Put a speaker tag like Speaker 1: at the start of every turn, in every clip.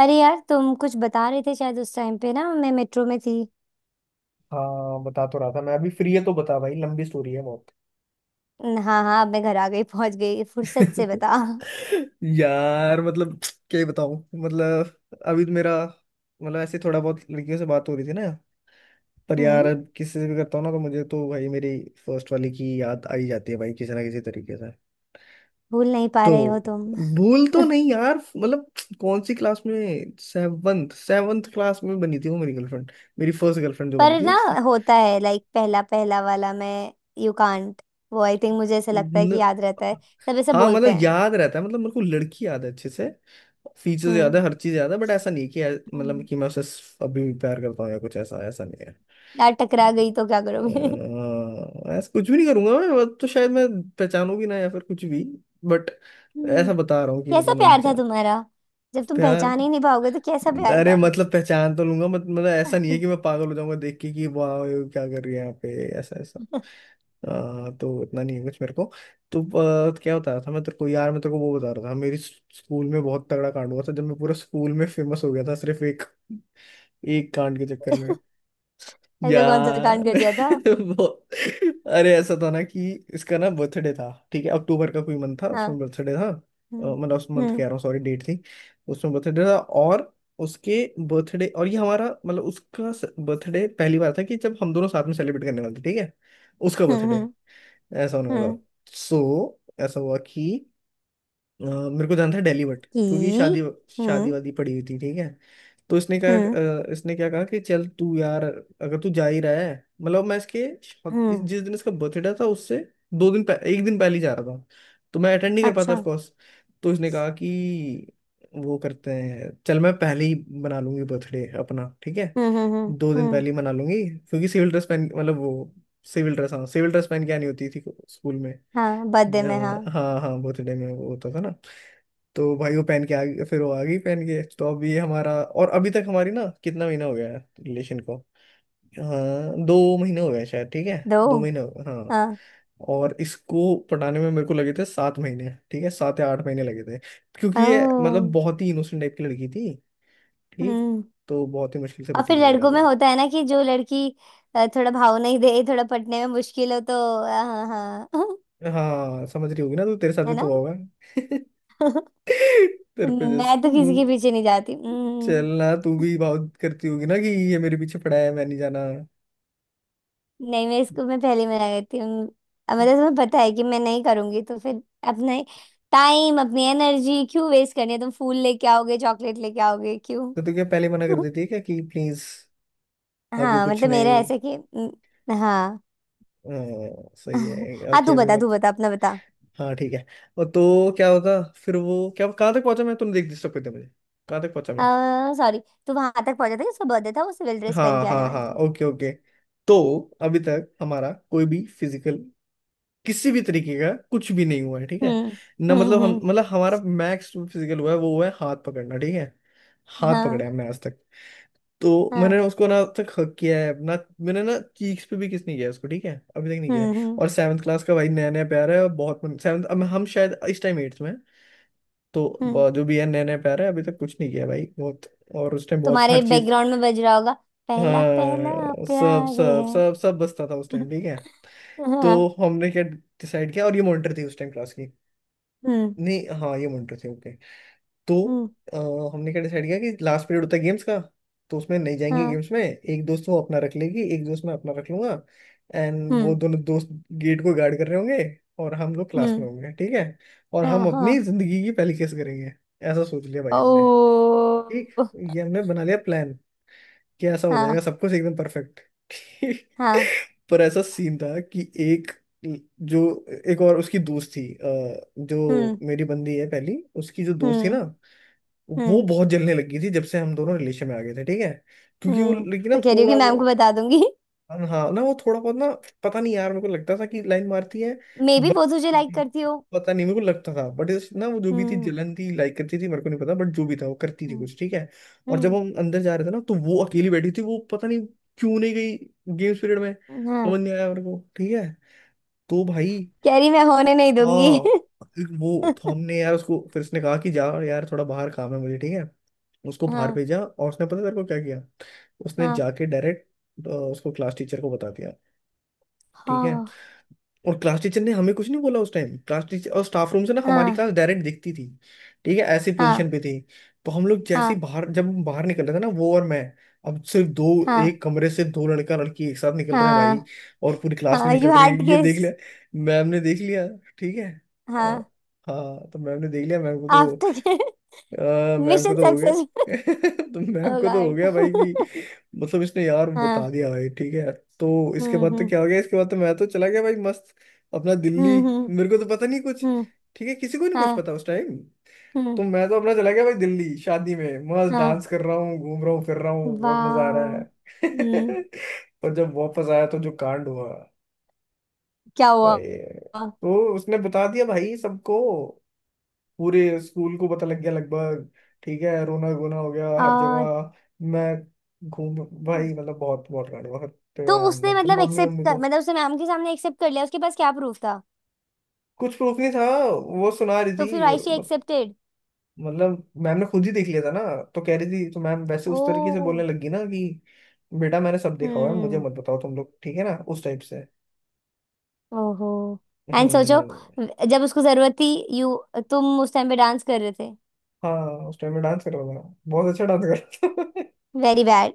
Speaker 1: अरे यार, तुम कुछ बता रहे थे शायद, उस टाइम पे ना मैं मेट्रो में थी।
Speaker 2: हाँ बता तो रहा था मैं। अभी फ्री है तो बता भाई। लंबी स्टोरी है बहुत।
Speaker 1: हाँ हाँ, अब मैं घर आ गई, पहुंच गई, फुर्सत से बता।
Speaker 2: यार मतलब क्या ही बताऊं। मतलब अभी तो मेरा मतलब ऐसे थोड़ा बहुत लड़कियों से बात हो रही थी ना। पर यार
Speaker 1: हम्म।
Speaker 2: अब किसी से भी करता हूँ ना तो मुझे तो भाई मेरी फर्स्ट वाली की याद आ ही जाती है भाई किसी ना किसी तरीके से।
Speaker 1: भूल नहीं पा
Speaker 2: तो
Speaker 1: रहे हो तुम।
Speaker 2: भूल तो नहीं यार मतलब। कौन सी क्लास में सेवन्थ सेवन्थ क्लास में बनी थी वो मेरी गर्लफ्रेंड। मेरी फर्स्ट गर्लफ्रेंड जो बनी
Speaker 1: पर
Speaker 2: थी।
Speaker 1: ना, होता है लाइक पहला पहला वाला, मैं यू कांट, वो आई थिंक, मुझे ऐसा लगता है कि
Speaker 2: न-
Speaker 1: याद रहता है। सब ऐसे
Speaker 2: हाँ
Speaker 1: बोलते
Speaker 2: मतलब
Speaker 1: हैं।
Speaker 2: याद रहता है। मतलब मेरे को लड़की याद है अच्छे से। फीचर्स याद
Speaker 1: हम्म।
Speaker 2: है, हर चीज याद है। बट ऐसा नहीं कि मतलब
Speaker 1: हम्म।
Speaker 2: कि मैं उसे अभी भी प्यार करता हूँ या कुछ ऐसा ऐसा नहीं है।
Speaker 1: यार टकरा गई तो क्या करोगे?
Speaker 2: ऐसा कुछ भी नहीं करूंगा मैं। अब तो शायद मैं पहचानू भी ना या फिर कुछ भी। बट
Speaker 1: हम्म।
Speaker 2: ऐसा बता रहा हूँ कि
Speaker 1: कैसा
Speaker 2: मतलब मैं
Speaker 1: प्यार था तुम्हारा? जब तुम
Speaker 2: प्यार।
Speaker 1: पहचान ही नहीं पाओगे तो कैसा प्यार
Speaker 2: अरे
Speaker 1: था?
Speaker 2: मतलब पहचान तो लूंगा। मत, मतलब ऐसा नहीं है कि मैं पागल हो जाऊंगा देख के कि वाह ये क्या कर रही है यहाँ पे ऐसा ऐसा। तो इतना नहीं है कुछ मेरे को। तो क्या बता रहा था मैं तेरे को यार। मैं तेरे को वो बता रहा था मेरी स्कूल में बहुत तगड़ा कांड हुआ था जब मैं पूरा स्कूल में फेमस हो गया था सिर्फ एक एक कांड के चक्कर में।
Speaker 1: ऐसा कौन सा
Speaker 2: यार
Speaker 1: कांड कर दिया था?
Speaker 2: वो अरे ऐसा था ना कि इसका ना बर्थडे था ठीक है। अक्टूबर का कोई मंथ था,
Speaker 1: हाँ।
Speaker 2: उसमें बर्थडे था।
Speaker 1: हम्म।
Speaker 2: मतलब उस मंथ
Speaker 1: हम्म।
Speaker 2: कह रहा हूँ, सॉरी डेट थी। उसमें बर्थडे था और उसके बर्थडे और ये हमारा मतलब उसका बर्थडे पहली बार था कि जब हम दोनों साथ में सेलिब्रेट करने वाले थे ठीक है। उसका
Speaker 1: हम्म।
Speaker 2: बर्थडे
Speaker 1: हम्म।
Speaker 2: ऐसा होने वाला।
Speaker 1: हम्म।
Speaker 2: सो ऐसा हुआ कि मेरे को जाना था दिल्ली। बट
Speaker 1: कि
Speaker 2: क्योंकि शादी शादी
Speaker 1: हम्म।
Speaker 2: वादी पड़ी हुई थी ठीक है। तो इसने कहा।
Speaker 1: हम्म।
Speaker 2: इसने क्या कहा कि चल तू यार, अगर तू जा ही रहा है। मतलब मैं इसके
Speaker 1: हम्म।
Speaker 2: जिस दिन इसका बर्थडे था उससे एक दिन पहले ही जा रहा था। तो मैं अटेंड नहीं कर पाता
Speaker 1: अच्छा।
Speaker 2: Of course. तो इसने कहा कि वो करते हैं चल मैं पहले ही मना लूंगी बर्थडे अपना ठीक है।
Speaker 1: हम्म। हम्म। हम्म।
Speaker 2: 2 दिन पहले ही मना लूंगी क्योंकि सिविल ड्रेस पहन मतलब वो सिविल ड्रेस, हाँ सिविल ड्रेस पहन के आनी होती थी स्कूल में।
Speaker 1: हाँ बर्थडे में, हाँ।
Speaker 2: हाँ हाँ बर्थडे में वो होता था ना। तो भाई वो पहन के आ गई। फिर वो आ गई पहन के, तो अभी हमारा और अभी तक हमारी ना कितना महीना हो गया है रिलेशन को। हाँ 2 महीने हो गए शायद ठीक है।
Speaker 1: दो।
Speaker 2: 2 महीने हो गए, हाँ।
Speaker 1: हाँ।
Speaker 2: और इसको पटाने में मेरे को लगे थे 7 महीने ठीक है 7 या 8 महीने लगे थे। क्योंकि ये मतलब
Speaker 1: ओ।
Speaker 2: बहुत ही इनोसेंट टाइप की लड़की थी। ठीक।
Speaker 1: हम्म।
Speaker 2: तो बहुत ही मुश्किल से
Speaker 1: और
Speaker 2: पटी
Speaker 1: फिर
Speaker 2: वगैरह
Speaker 1: लड़कों में
Speaker 2: गए।
Speaker 1: होता है ना, कि जो लड़की थोड़ा भाव नहीं दे, थोड़ा पटने में मुश्किल हो तो, हाँ हाँ।
Speaker 2: हाँ समझ रही होगी ना तू, तेरे साथ
Speaker 1: है
Speaker 2: भी
Speaker 1: ना?
Speaker 2: तो हुआ होगा। तेरे पे
Speaker 1: मैं
Speaker 2: जस्ट
Speaker 1: तो किसी के पीछे नहीं जाती। हम्म।
Speaker 2: चलना तू भी बहुत करती होगी ना कि ये मेरे पीछे पड़ा है मैं नहीं जाना।
Speaker 1: नहीं, मैं इसको, मैं पहले में आ गई थी। अब मतलब तुम्हें पता है कि मैं नहीं करूंगी, तो फिर अपना टाइम, अपनी एनर्जी क्यों वेस्ट करनी है? तुम फूल लेके आओगे, चॉकलेट लेके आओगे, क्यों?
Speaker 2: तो तू क्या पहले मना कर देती है क्या कि प्लीज। अभी
Speaker 1: हाँ
Speaker 2: कुछ
Speaker 1: मतलब मेरा
Speaker 2: नहीं।
Speaker 1: ऐसे कि हाँ।
Speaker 2: सही है।
Speaker 1: हाँ,
Speaker 2: कि
Speaker 1: तू
Speaker 2: अभी
Speaker 1: बता, तू
Speaker 2: मत।
Speaker 1: बता, अपना बता।
Speaker 2: हाँ ठीक है। और तो क्या होता, फिर वो क्या कहाँ तक पहुंचा मैं, तुमने देख डिस्टर्ब कर दिया मुझे। कहाँ तक पहुंचा
Speaker 1: आ,
Speaker 2: मैं।
Speaker 1: सॉरी। तू वहां तक पहुंचा था कि उसका बर्थडे था, वो सिविल ड्रेस पहन
Speaker 2: हाँ
Speaker 1: के आने
Speaker 2: हाँ
Speaker 1: वाली
Speaker 2: हाँ,
Speaker 1: थी।
Speaker 2: Okay okay. तो अभी तक हमारा कोई भी फिजिकल किसी भी तरीके का कुछ भी नहीं हुआ है ठीक है।
Speaker 1: हम्म।
Speaker 2: ना
Speaker 1: हम्म।
Speaker 2: मतलब हम
Speaker 1: हम्म।
Speaker 2: मतलब हमारा मैक्स फिजिकल हुआ है वो हुआ है हाथ पकड़ना ठीक है। हाथ
Speaker 1: हाँ
Speaker 2: पकड़े हमने आज तक। तो
Speaker 1: हाँ।
Speaker 2: मैंने उसको ना अब तक हक किया है ना। मैंने ना चीक्स पे भी किस नहीं किया है उसको ठीक है अभी तक नहीं किया
Speaker 1: हम्म।
Speaker 2: है।
Speaker 1: हम्म।
Speaker 2: और सेवन्थ क्लास का भाई नया नया प्यार है और बहुत मन, सेवन्थ अब हम शायद इस टाइम एट्थ में हैं, तो
Speaker 1: हम्म।
Speaker 2: जो भी है नया नया प्यार है अभी तक कुछ नहीं किया भाई बहुत। और उस टाइम बहुत
Speaker 1: तुम्हारे
Speaker 2: हर चीज।
Speaker 1: बैकग्राउंड में बज रहा होगा, पहला पहला
Speaker 2: हाँ सब
Speaker 1: प्यार है।
Speaker 2: सब सब सब बसता था उस टाइम ठीक है। तो
Speaker 1: हाँ।
Speaker 2: हमने क्या डिसाइड किया, और ये मॉनिटर थी उस टाइम क्लास की।
Speaker 1: हम्म।
Speaker 2: नहीं, हाँ ये मॉनिटर थी ओके। तो
Speaker 1: हम्म।
Speaker 2: अ, हमने क्या डिसाइड किया कि लास्ट पीरियड होता है गेम्स का। तो उसमें नहीं जाएंगे
Speaker 1: हाँ।
Speaker 2: गेम्स में। एक दोस्त वो अपना रख लेगी, एक दोस्त मैं अपना रख लूंगा। एंड वो
Speaker 1: हम्म।
Speaker 2: दोनों दोस्त गेट को गार्ड कर रहे होंगे और हम लोग क्लास
Speaker 1: हम्म।
Speaker 2: में होंगे ठीक है। और
Speaker 1: हाँ
Speaker 2: हम अपनी
Speaker 1: हाँ।
Speaker 2: जिंदगी की पहली केस करेंगे। ऐसा सोच लिया भाई
Speaker 1: ओ।
Speaker 2: हमने। ठीक। ये हमने बना लिया प्लान कि ऐसा हो जाएगा
Speaker 1: हाँ
Speaker 2: सब कुछ एकदम परफेक्ट। ठीक।
Speaker 1: हाँ।
Speaker 2: पर ऐसा सीन था कि एक जो एक और उसकी दोस्त थी
Speaker 1: हम्म।
Speaker 2: जो मेरी बंदी है पहली उसकी जो दोस्त थी
Speaker 1: हम्म।
Speaker 2: ना। वो
Speaker 1: हम्म।
Speaker 2: बहुत जलने लगी थी जब से हम दोनों रिलेशन में आ गए थे ठीक है। क्योंकि वो लेकिन ना
Speaker 1: तो, कह रही हूँ कि
Speaker 2: थोड़ा वो।
Speaker 1: मैम को बता दूंगी।
Speaker 2: हाँ ना वो थोड़ा बहुत ना। पता नहीं यार, मेरे को लगता था कि लाइन मारती है।
Speaker 1: मे बी
Speaker 2: बट
Speaker 1: वो तुझे लाइक करती हो।
Speaker 2: पता नहीं मेरे को लगता था बट। ना वो जो भी थी
Speaker 1: हम्म।
Speaker 2: जलन थी, लाइक करती थी मेरे को नहीं पता, बट जो भी था वो करती थी
Speaker 1: हम्म।
Speaker 2: कुछ ठीक है। और जब
Speaker 1: हम्म,
Speaker 2: हम अंदर जा रहे थे ना तो वो अकेली बैठी थी। वो पता नहीं क्यों नहीं गई गेम्स पीरियड में।
Speaker 1: हाँ।
Speaker 2: समझ नहीं आया मेरे को ठीक है। तो भाई।
Speaker 1: कह रही मैं होने नहीं दूंगी।
Speaker 2: हाँ एक वो। तो हमने यार उसको, फिर उसने कहा कि जा यार थोड़ा बाहर काम है मुझे ठीक है। उसको बाहर
Speaker 1: हाँ
Speaker 2: भेजा, और उसने पता तेरे को क्या किया। उसने
Speaker 1: हाँ
Speaker 2: जाके डायरेक्ट उसको क्लास टीचर को बता दिया ठीक है।
Speaker 1: हाँ
Speaker 2: और क्लास टीचर ने हमें कुछ नहीं बोला उस टाइम। क्लास टीचर और स्टाफ रूम से ना हमारी
Speaker 1: हाँ
Speaker 2: क्लास डायरेक्ट दिखती थी ठीक है, ऐसी
Speaker 1: हाँ
Speaker 2: पोजीशन पे थी। तो हम लोग जैसे ही
Speaker 1: हाँ।
Speaker 2: बाहर, जब हम बाहर निकल रहे थे ना, वो और मैं। अब सिर्फ दो,
Speaker 1: हाँ
Speaker 2: एक कमरे से दो लड़का लड़की एक साथ निकल रहे हैं
Speaker 1: हाँ
Speaker 2: भाई, और पूरी क्लास नहीं
Speaker 1: हाँ, यू
Speaker 2: निकल रही
Speaker 1: हार्ड
Speaker 2: है, ये
Speaker 1: किस।
Speaker 2: देख लिया। मैम ने देख लिया ठीक है। अ,
Speaker 1: हाँ,
Speaker 2: हाँ तो मैम ने देख लिया, मैम को तो
Speaker 1: आफ्टर।
Speaker 2: मैम को
Speaker 1: मिशन
Speaker 2: तो हो गया।
Speaker 1: सक्सेस।
Speaker 2: तो
Speaker 1: ओ
Speaker 2: मैम को तो हो
Speaker 1: गॉड।
Speaker 2: गया भाई कि मतलब इसने यार बता
Speaker 1: हाँ।
Speaker 2: दिया भाई ठीक है। तो इसके
Speaker 1: हम्म।
Speaker 2: बाद तो
Speaker 1: हम्म।
Speaker 2: क्या हो गया, इसके बाद तो मैं तो चला गया भाई मस्त अपना दिल्ली।
Speaker 1: हम्म। हम्म।
Speaker 2: मेरे को तो पता नहीं कुछ
Speaker 1: हम्म,
Speaker 2: ठीक है, किसी को नहीं कुछ
Speaker 1: हाँ।
Speaker 2: पता उस टाइम।
Speaker 1: हम्म,
Speaker 2: तो मैं तो अपना चला गया भाई दिल्ली शादी में, मस्त
Speaker 1: हाँ।
Speaker 2: डांस कर रहा हूँ घूम रहा हूँ फिर रहा हूँ, बहुत मजा आ
Speaker 1: वाओ।
Speaker 2: रहा है।
Speaker 1: हम्म।
Speaker 2: और जब वापस आया तो जो कांड हुआ
Speaker 1: क्या हुआ?
Speaker 2: भाई। तो उसने बता दिया भाई सबको। पूरे स्कूल को पता लग गया लगभग ठीक है, रोना गोना हो गया हर
Speaker 1: आ।
Speaker 2: जगह। मैं घूम भाई मतलब बहुत बहुत लड़ बहुत
Speaker 1: तो उसने
Speaker 2: मतलब
Speaker 1: मतलब
Speaker 2: मम्मी
Speaker 1: एक्सेप्ट
Speaker 2: मम्मी
Speaker 1: कर,
Speaker 2: को,
Speaker 1: मतलब उसने मैम के सामने एक्सेप्ट कर लिया, उसके पास क्या प्रूफ था?
Speaker 2: कुछ प्रूफ नहीं था। वो सुना रही
Speaker 1: तो फिर
Speaker 2: थी
Speaker 1: आई
Speaker 2: और
Speaker 1: शी एक्सेप्टेड?
Speaker 2: मतलब मैम ने खुद ही देख लिया था ना। तो कह रही थी, तो मैम वैसे उस तरीके से बोलने
Speaker 1: ओ।
Speaker 2: लगी ना कि बेटा मैंने सब देखा हुआ है मुझे
Speaker 1: हम्म।
Speaker 2: मत बताओ तुम लोग ठीक है ना, उस टाइप से।
Speaker 1: ओहो। एंड सोचो,
Speaker 2: हम्म,
Speaker 1: जब उसको जरूरत थी, यू, तुम उस टाइम पे डांस कर रहे थे।
Speaker 2: हाँ उस टाइम में डांस कर रहा था, बहुत अच्छा डांस कर रहा था।
Speaker 1: Very bad.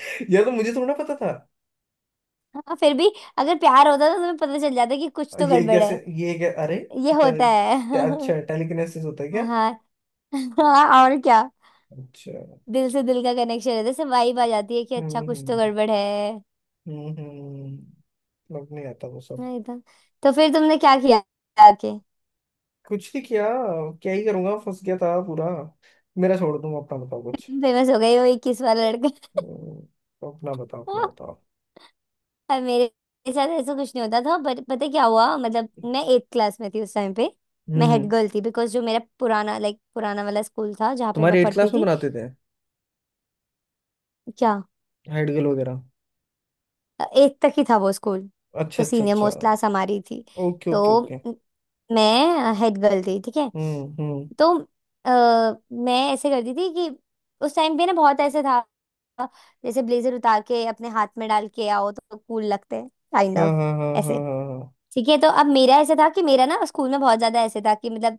Speaker 2: यह तो मुझे थोड़ा पता था।
Speaker 1: हाँ, फिर भी। अगर प्यार होता तो तुम्हें पता चल जाता कि कुछ तो
Speaker 2: ये
Speaker 1: गड़बड़
Speaker 2: कैसे,
Speaker 1: है।
Speaker 2: ये क्या अरे,
Speaker 1: ये होता
Speaker 2: टेल,
Speaker 1: है।
Speaker 2: अच्छा टेलीकिनेसिस होता है क्या।
Speaker 1: हाँ। हाँ, और क्या।
Speaker 2: अच्छा।
Speaker 1: दिल से दिल का कनेक्शन रहता है, से वाइब आ जाती है कि अच्छा, कुछ तो
Speaker 2: हम्म।
Speaker 1: गड़बड़ है।
Speaker 2: हम्म हम्म, लग नहीं आता वो सब।
Speaker 1: नहीं तो, तो फिर तुमने क्या किया आके?
Speaker 2: कुछ नहीं किया। क्या ही करूंगा फंस गया था पूरा। मेरा छोड़, दूंगा अपना, बताओ कुछ।
Speaker 1: फेमस हो गई, वो 21 वाला लड़का।
Speaker 2: अपना बताओ अपना बताओ।
Speaker 1: और मेरे साथ ऐसा कुछ नहीं होता था, बट पता है क्या हुआ, मतलब मैं एट्थ क्लास में थी उस टाइम पे। मैं हेड
Speaker 2: हम्म
Speaker 1: गर्ल थी बिकॉज जो मेरा पुराना, लाइक पुराना वाला स्कूल था जहाँ पे मैं
Speaker 2: तुम्हारे एट
Speaker 1: पढ़ती
Speaker 2: क्लास में
Speaker 1: थी।
Speaker 2: बनाते थे
Speaker 1: क्या?
Speaker 2: हाइड गेल वगैरह।
Speaker 1: एट्थ तक ही था वो स्कूल, तो
Speaker 2: अच्छा अच्छा
Speaker 1: सीनियर
Speaker 2: अच्छा।
Speaker 1: मोस्ट क्लास हमारी थी।
Speaker 2: ओके
Speaker 1: तो
Speaker 2: ओके ओके।
Speaker 1: मैं हेड गर्ल थी, ठीक है।
Speaker 2: हम्म।
Speaker 1: तो अ, मैं ऐसे करती थी कि उस टाइम पे ना बहुत ऐसे था, जैसे ब्लेजर उतार के अपने हाथ में डाल के आओ तो कूल लगते हैं, काइंड
Speaker 2: हाँ
Speaker 1: ऑफ
Speaker 2: हाँ हाँ हाँ
Speaker 1: ऐसे।
Speaker 2: हाँ हाँ।
Speaker 1: ठीक है। तो अब मेरा ऐसा था कि मेरा ना स्कूल में बहुत ज्यादा ऐसे था कि मतलब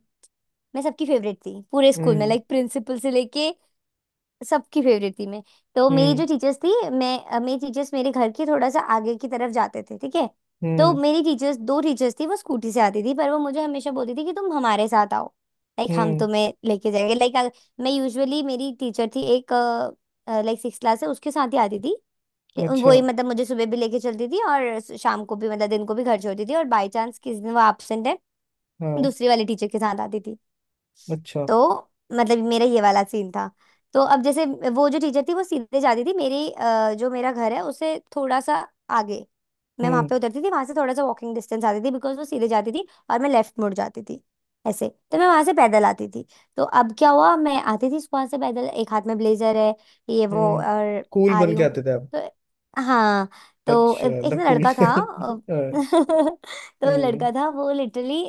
Speaker 1: मैं सबकी फेवरेट थी पूरे स्कूल में,
Speaker 2: हम्म
Speaker 1: लाइक प्रिंसिपल से लेके सबकी फेवरेट थी मैं। तो मेरी
Speaker 2: हम्म
Speaker 1: जो टीचर्स थी, मेरी टीचर्स मेरे घर के थोड़ा सा आगे की तरफ जाते थे, ठीक है। तो
Speaker 2: हम्म
Speaker 1: मेरी टीचर्स, दो टीचर्स थी, वो स्कूटी से आती थी, पर वो मुझे हमेशा बोलती थी कि तुम हमारे साथ आओ, लाइक हम
Speaker 2: हम्म।
Speaker 1: तुम्हें लेके जाएंगे। लाइक मैं यूजुअली, मेरी टीचर थी एक, लाइक सिक्स क्लास है, उसके साथ ही आती थी।
Speaker 2: अच्छा।
Speaker 1: वही मतलब मुझे सुबह भी लेके चलती थी और शाम को भी, मतलब दिन को भी घर छोड़ती थी, और बाय चांस किसी दिन वो एब्सेंट है,
Speaker 2: हाँ।
Speaker 1: दूसरी वाली टीचर के साथ आती थी।
Speaker 2: अच्छा।
Speaker 1: तो मतलब मेरा ये वाला सीन था। तो अब जैसे, वो जो टीचर थी, वो सीधे जाती थी मेरी, जो मेरा घर है उससे थोड़ा सा आगे, मैं वहां
Speaker 2: हम्म
Speaker 1: पे उतरती थी, वहां से थोड़ा सा वॉकिंग डिस्टेंस आती थी बिकॉज वो सीधे जाती थी और मैं लेफ्ट मुड़ जाती थी ऐसे, तो मैं वहां से पैदल आती थी। तो अब क्या हुआ, मैं आती थी वहां से पैदल, एक हाथ में ब्लेजर है, ये वो,
Speaker 2: हम्म।
Speaker 1: और
Speaker 2: कूल
Speaker 1: आ रही
Speaker 2: बन के
Speaker 1: हूँ।
Speaker 2: आते थे आप।
Speaker 1: तो हाँ, तो
Speaker 2: अच्छा,
Speaker 1: एक
Speaker 2: द
Speaker 1: ना
Speaker 2: कूल।
Speaker 1: लड़का था,
Speaker 2: हम्म
Speaker 1: तो
Speaker 2: हम्म,
Speaker 1: लड़का था, वो लिटरली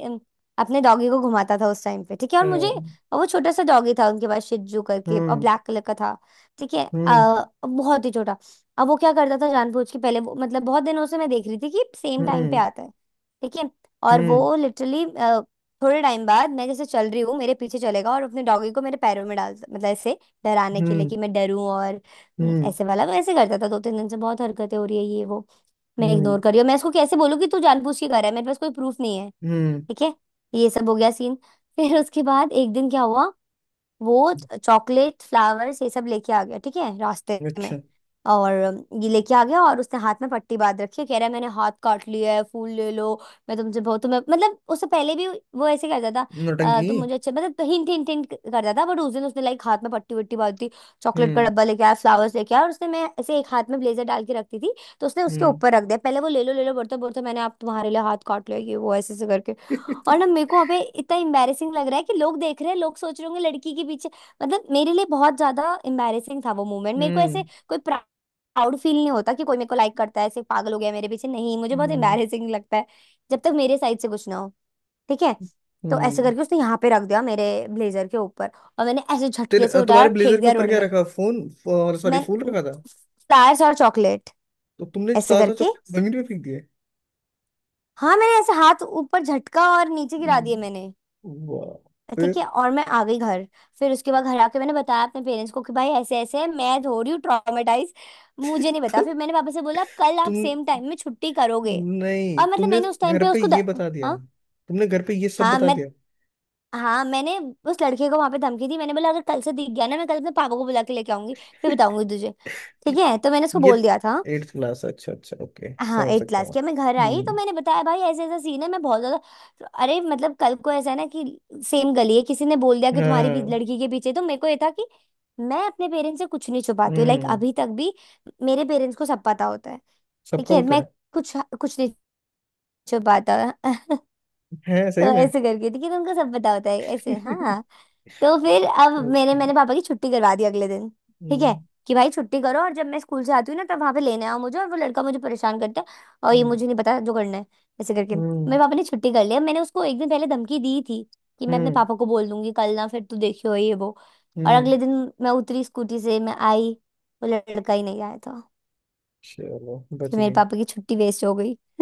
Speaker 1: अपने डॉगी को घुमाता था उस टाइम पे, ठीक है। और मुझे,
Speaker 2: हाँ,
Speaker 1: और वो छोटा सा डॉगी था उनके पास, शिजू करके, और
Speaker 2: हम्म
Speaker 1: ब्लैक कलर का था, ठीक है। बहुत ही छोटा। अब वो क्या करता था जानबूझ के, पहले वो, मतलब बहुत दिनों से मैं देख रही थी कि सेम टाइम पे
Speaker 2: हम्म
Speaker 1: आता है, ठीक है। और
Speaker 2: हम्म
Speaker 1: वो लिटरली थोड़े टाइम बाद, मैं जैसे चल रही हूँ मेरे पीछे चलेगा और अपने डॉगी को मेरे पैरों में डाल, मतलब ऐसे डराने
Speaker 2: हम्म,
Speaker 1: के लिए कि मैं डरूं, और
Speaker 2: हम्म
Speaker 1: ऐसे वाला मैं ऐसे करता था, दो तीन दिन से बहुत हरकतें हो रही है ये वो। मैं
Speaker 2: हम्म
Speaker 1: इग्नोर कर रही हूँ, मैं इसको कैसे बोलूँ कि तू जानबूझ के कर रहा है, मेरे पास कोई प्रूफ नहीं है,
Speaker 2: हम्म,
Speaker 1: ठीक है। ये सब हो गया सीन। फिर उसके बाद एक दिन क्या हुआ, वो चॉकलेट, फ्लावर्स, ये सब लेके आ गया, ठीक है, रास्ते में।
Speaker 2: अच्छा।
Speaker 1: और ये लेके आ गया, और उसने हाथ में पट्टी बांध रखी है, कह रहा है मैंने हाथ काट लिया है, फूल ले लो, मैं तुमसे बहुत, तुम्हें मतलब, उससे पहले भी वो ऐसे करता था,
Speaker 2: नौटंकी।
Speaker 1: तुम मुझे अच्छे", मतलब हिंट हिंट हिंट करता था, बट उस दिन उसने लाइक हाथ में पट्टी वट्टी बांध दी, चॉकलेट का
Speaker 2: हम्म
Speaker 1: डब्बा लेके आया, फ्लावर्स लेके आया, और उसने, मैं ऐसे एक हाथ में ब्लेजर डाल के रखती थी, तो उसने उसके
Speaker 2: हम्म।
Speaker 1: ऊपर रख दिया, पहले वो, ले लो बोलता बोलता, मैंने आप तुम्हारे लिए हाथ काट लिया, ये वो ऐसे ऐसे करके। और ना मेरे को अबे इतना एम्बैरेसिंग लग रहा है कि लोग देख रहे हैं, लोग सोच रहे होंगे लड़की के पीछे, मतलब मेरे लिए बहुत ज्यादा एम्बैरेसिंग था वो मोमेंट। मेरे को ऐसे
Speaker 2: हम्म
Speaker 1: कोई प्राउड फील नहीं होता कि कोई मेरे को लाइक करता है, ऐसे पागल हो गया मेरे पीछे, नहीं, मुझे बहुत
Speaker 2: हम्म
Speaker 1: एम्बैरेसिंग लगता है जब तक मेरे साइड से कुछ ना हो, ठीक है। तो ऐसे
Speaker 2: हम्म।
Speaker 1: करके उसने यहाँ पे रख दिया, मेरे ब्लेजर के ऊपर, और मैंने ऐसे झटके से
Speaker 2: तेरे
Speaker 1: उठाया
Speaker 2: तुम्हारे
Speaker 1: और फेंक
Speaker 2: ब्लेजर के
Speaker 1: दिया
Speaker 2: ऊपर
Speaker 1: रोड
Speaker 2: क्या
Speaker 1: में,
Speaker 2: रखा, फोन। और सॉरी,
Speaker 1: मैं
Speaker 2: फूल रखा था।
Speaker 1: फ्लायर्स और चॉकलेट
Speaker 2: तो तुमने
Speaker 1: ऐसे
Speaker 2: ताजा
Speaker 1: करके।
Speaker 2: चॉकलेट जमीन पे फेंक दिए।
Speaker 1: हाँ, मैंने ऐसे हाथ ऊपर झटका और नीचे गिरा दिए
Speaker 2: हम्म,
Speaker 1: मैंने,
Speaker 2: वाह। फिर।
Speaker 1: ठीक है। और मैं आ गई घर। फिर उसके बाद घर आके मैंने बताया अपने पेरेंट्स को कि भाई ऐसे ऐसे है, मैं हो रही हूँ ट्रॉमेटाइज, मुझे नहीं पता।
Speaker 2: तो
Speaker 1: फिर मैंने पापा से बोला कल आप
Speaker 2: तुम,
Speaker 1: सेम टाइम में छुट्टी करोगे,
Speaker 2: नहीं
Speaker 1: और मतलब
Speaker 2: तुमने
Speaker 1: मैंने उस टाइम
Speaker 2: घर
Speaker 1: पे
Speaker 2: पे
Speaker 1: उसको द,
Speaker 2: ये बता दिया।
Speaker 1: हाँ
Speaker 2: तुमने घर पे ये सब
Speaker 1: हाँ।
Speaker 2: बता
Speaker 1: मैं,
Speaker 2: दिया।
Speaker 1: हाँ मैंने उस लड़के को वहां पे धमकी दी, मैंने बोला अगर कल से दिख गया ना, मैं कल अपने पापा को बुला के लेके आऊंगी, फिर बताऊंगी तुझे, ठीक है, तो मैंने उसको
Speaker 2: ये
Speaker 1: बोल दिया था।
Speaker 2: एट्थ क्लास अच्छा अच्छा ओके
Speaker 1: हाँ,
Speaker 2: समझ
Speaker 1: एट
Speaker 2: सकता
Speaker 1: क्लास
Speaker 2: हूँ।
Speaker 1: की। मैं घर आई तो
Speaker 2: हम्म
Speaker 1: मैंने बताया भाई ऐसे ऐसा सीन है, मैं बहुत ज्यादा, अरे मतलब कल को ऐसा है ना कि सेम गली है, किसी ने बोल दिया कि तुम्हारी भी
Speaker 2: हाँ।
Speaker 1: लड़की के पीछे, तो मेरे को ये था कि मैं अपने पेरेंट्स से कुछ नहीं छुपाती हूँ, लाइक
Speaker 2: हम्म
Speaker 1: अभी तक भी मेरे पेरेंट्स को सब पता होता है, ठीक
Speaker 2: सबका
Speaker 1: है।
Speaker 2: पता
Speaker 1: मैं
Speaker 2: है।
Speaker 1: कुछ कुछ नहीं छुपाता।
Speaker 2: है
Speaker 1: तो
Speaker 2: सही में।
Speaker 1: ऐसे करके, ठीक है, तुमको सब पता होता है ऐसे, हाँ। तो फिर अब मैंने
Speaker 2: ओके।
Speaker 1: मैंने पापा की छुट्टी करवा दी अगले दिन, ठीक है,
Speaker 2: हम्म
Speaker 1: कि भाई छुट्टी करो, और जब मैं स्कूल से आती हूँ ना तब वहां पे लेने आओ मुझे, और वो लड़का मुझे परेशान करता है और ये,
Speaker 2: हम्म
Speaker 1: मुझे नहीं पता जो करना है। ऐसे करके
Speaker 2: हम्म
Speaker 1: मेरे पापा ने छुट्टी कर लिया। मैंने उसको एक दिन पहले धमकी दी थी कि मैं अपने
Speaker 2: हम्म,
Speaker 1: पापा को बोल दूंगी कल ना, फिर तू देखियो ये वो। और
Speaker 2: हम्म,
Speaker 1: अगले दिन, मैं उतरी स्कूटी से, मैं आई, वो लड़का ही नहीं आया था।
Speaker 2: चलो
Speaker 1: फिर
Speaker 2: बच
Speaker 1: मेरे
Speaker 2: गई।
Speaker 1: पापा की छुट्टी वेस्ट हो गई।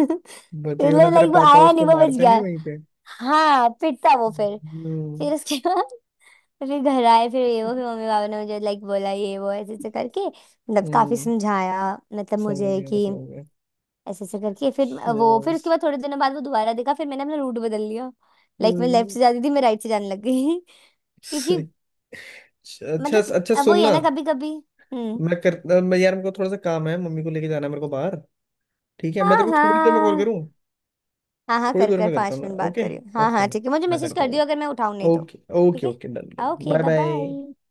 Speaker 2: बची वरना
Speaker 1: मतलब
Speaker 2: तेरे
Speaker 1: लाइक वो
Speaker 2: पापा
Speaker 1: आया नहीं,
Speaker 2: उसको
Speaker 1: वो बच
Speaker 2: मारते
Speaker 1: गया।
Speaker 2: नहीं वहीं पे।
Speaker 1: हाँ, पिटता वो फिर।
Speaker 2: हम्म
Speaker 1: फिर उसके बाद, फिर घर आए, फिर ये वो, फिर मम्मी पापा ने मुझे लाइक बोला ये वो ऐसे ऐसे करके, मतलब काफी
Speaker 2: हम्म।
Speaker 1: समझाया मतलब
Speaker 2: समझ
Speaker 1: मुझे
Speaker 2: गया मैं
Speaker 1: कि
Speaker 2: समझ गया।
Speaker 1: ऐसे ऐसे करके, फिर वो,
Speaker 2: चल,
Speaker 1: फिर उसके बाद थोड़े दिनों बाद वो दोबारा देखा, फिर मैंने अपना रूट बदल लिया, लाइक मैं लेफ्ट
Speaker 2: हम्म,
Speaker 1: से जाती थी, मैं राइट से जाने लग गई। क्योंकि,
Speaker 2: से- अच्छा
Speaker 1: मतलब
Speaker 2: अच्छा
Speaker 1: अब वो ही है
Speaker 2: सुनना।
Speaker 1: ना, कभी कभी। हम्म।
Speaker 2: मैं यार मेरे को थोड़ा सा काम है, मम्मी को लेके जाना है मेरे को बाहर। ठीक है मैं
Speaker 1: हाँ
Speaker 2: तेरे को थोड़ी देर में कॉल
Speaker 1: हाँ।
Speaker 2: करूँ।
Speaker 1: हाँ हाँ,
Speaker 2: थोड़ी
Speaker 1: कर
Speaker 2: देर
Speaker 1: कर
Speaker 2: में करता
Speaker 1: पाँच
Speaker 2: हूँ ना,
Speaker 1: मिनट बात
Speaker 2: ओके।
Speaker 1: करियो, हाँ
Speaker 2: ओके
Speaker 1: हाँ
Speaker 2: मैं
Speaker 1: ठीक है, मुझे
Speaker 2: मैं
Speaker 1: मैसेज
Speaker 2: करता
Speaker 1: कर दियो
Speaker 2: हूँ।
Speaker 1: अगर मैं उठाऊँ नहीं तो।
Speaker 2: ओके
Speaker 1: ठीक
Speaker 2: ओके ओके, डन
Speaker 1: है,
Speaker 2: done,
Speaker 1: okay,
Speaker 2: bye
Speaker 1: bye
Speaker 2: bye.
Speaker 1: Bye.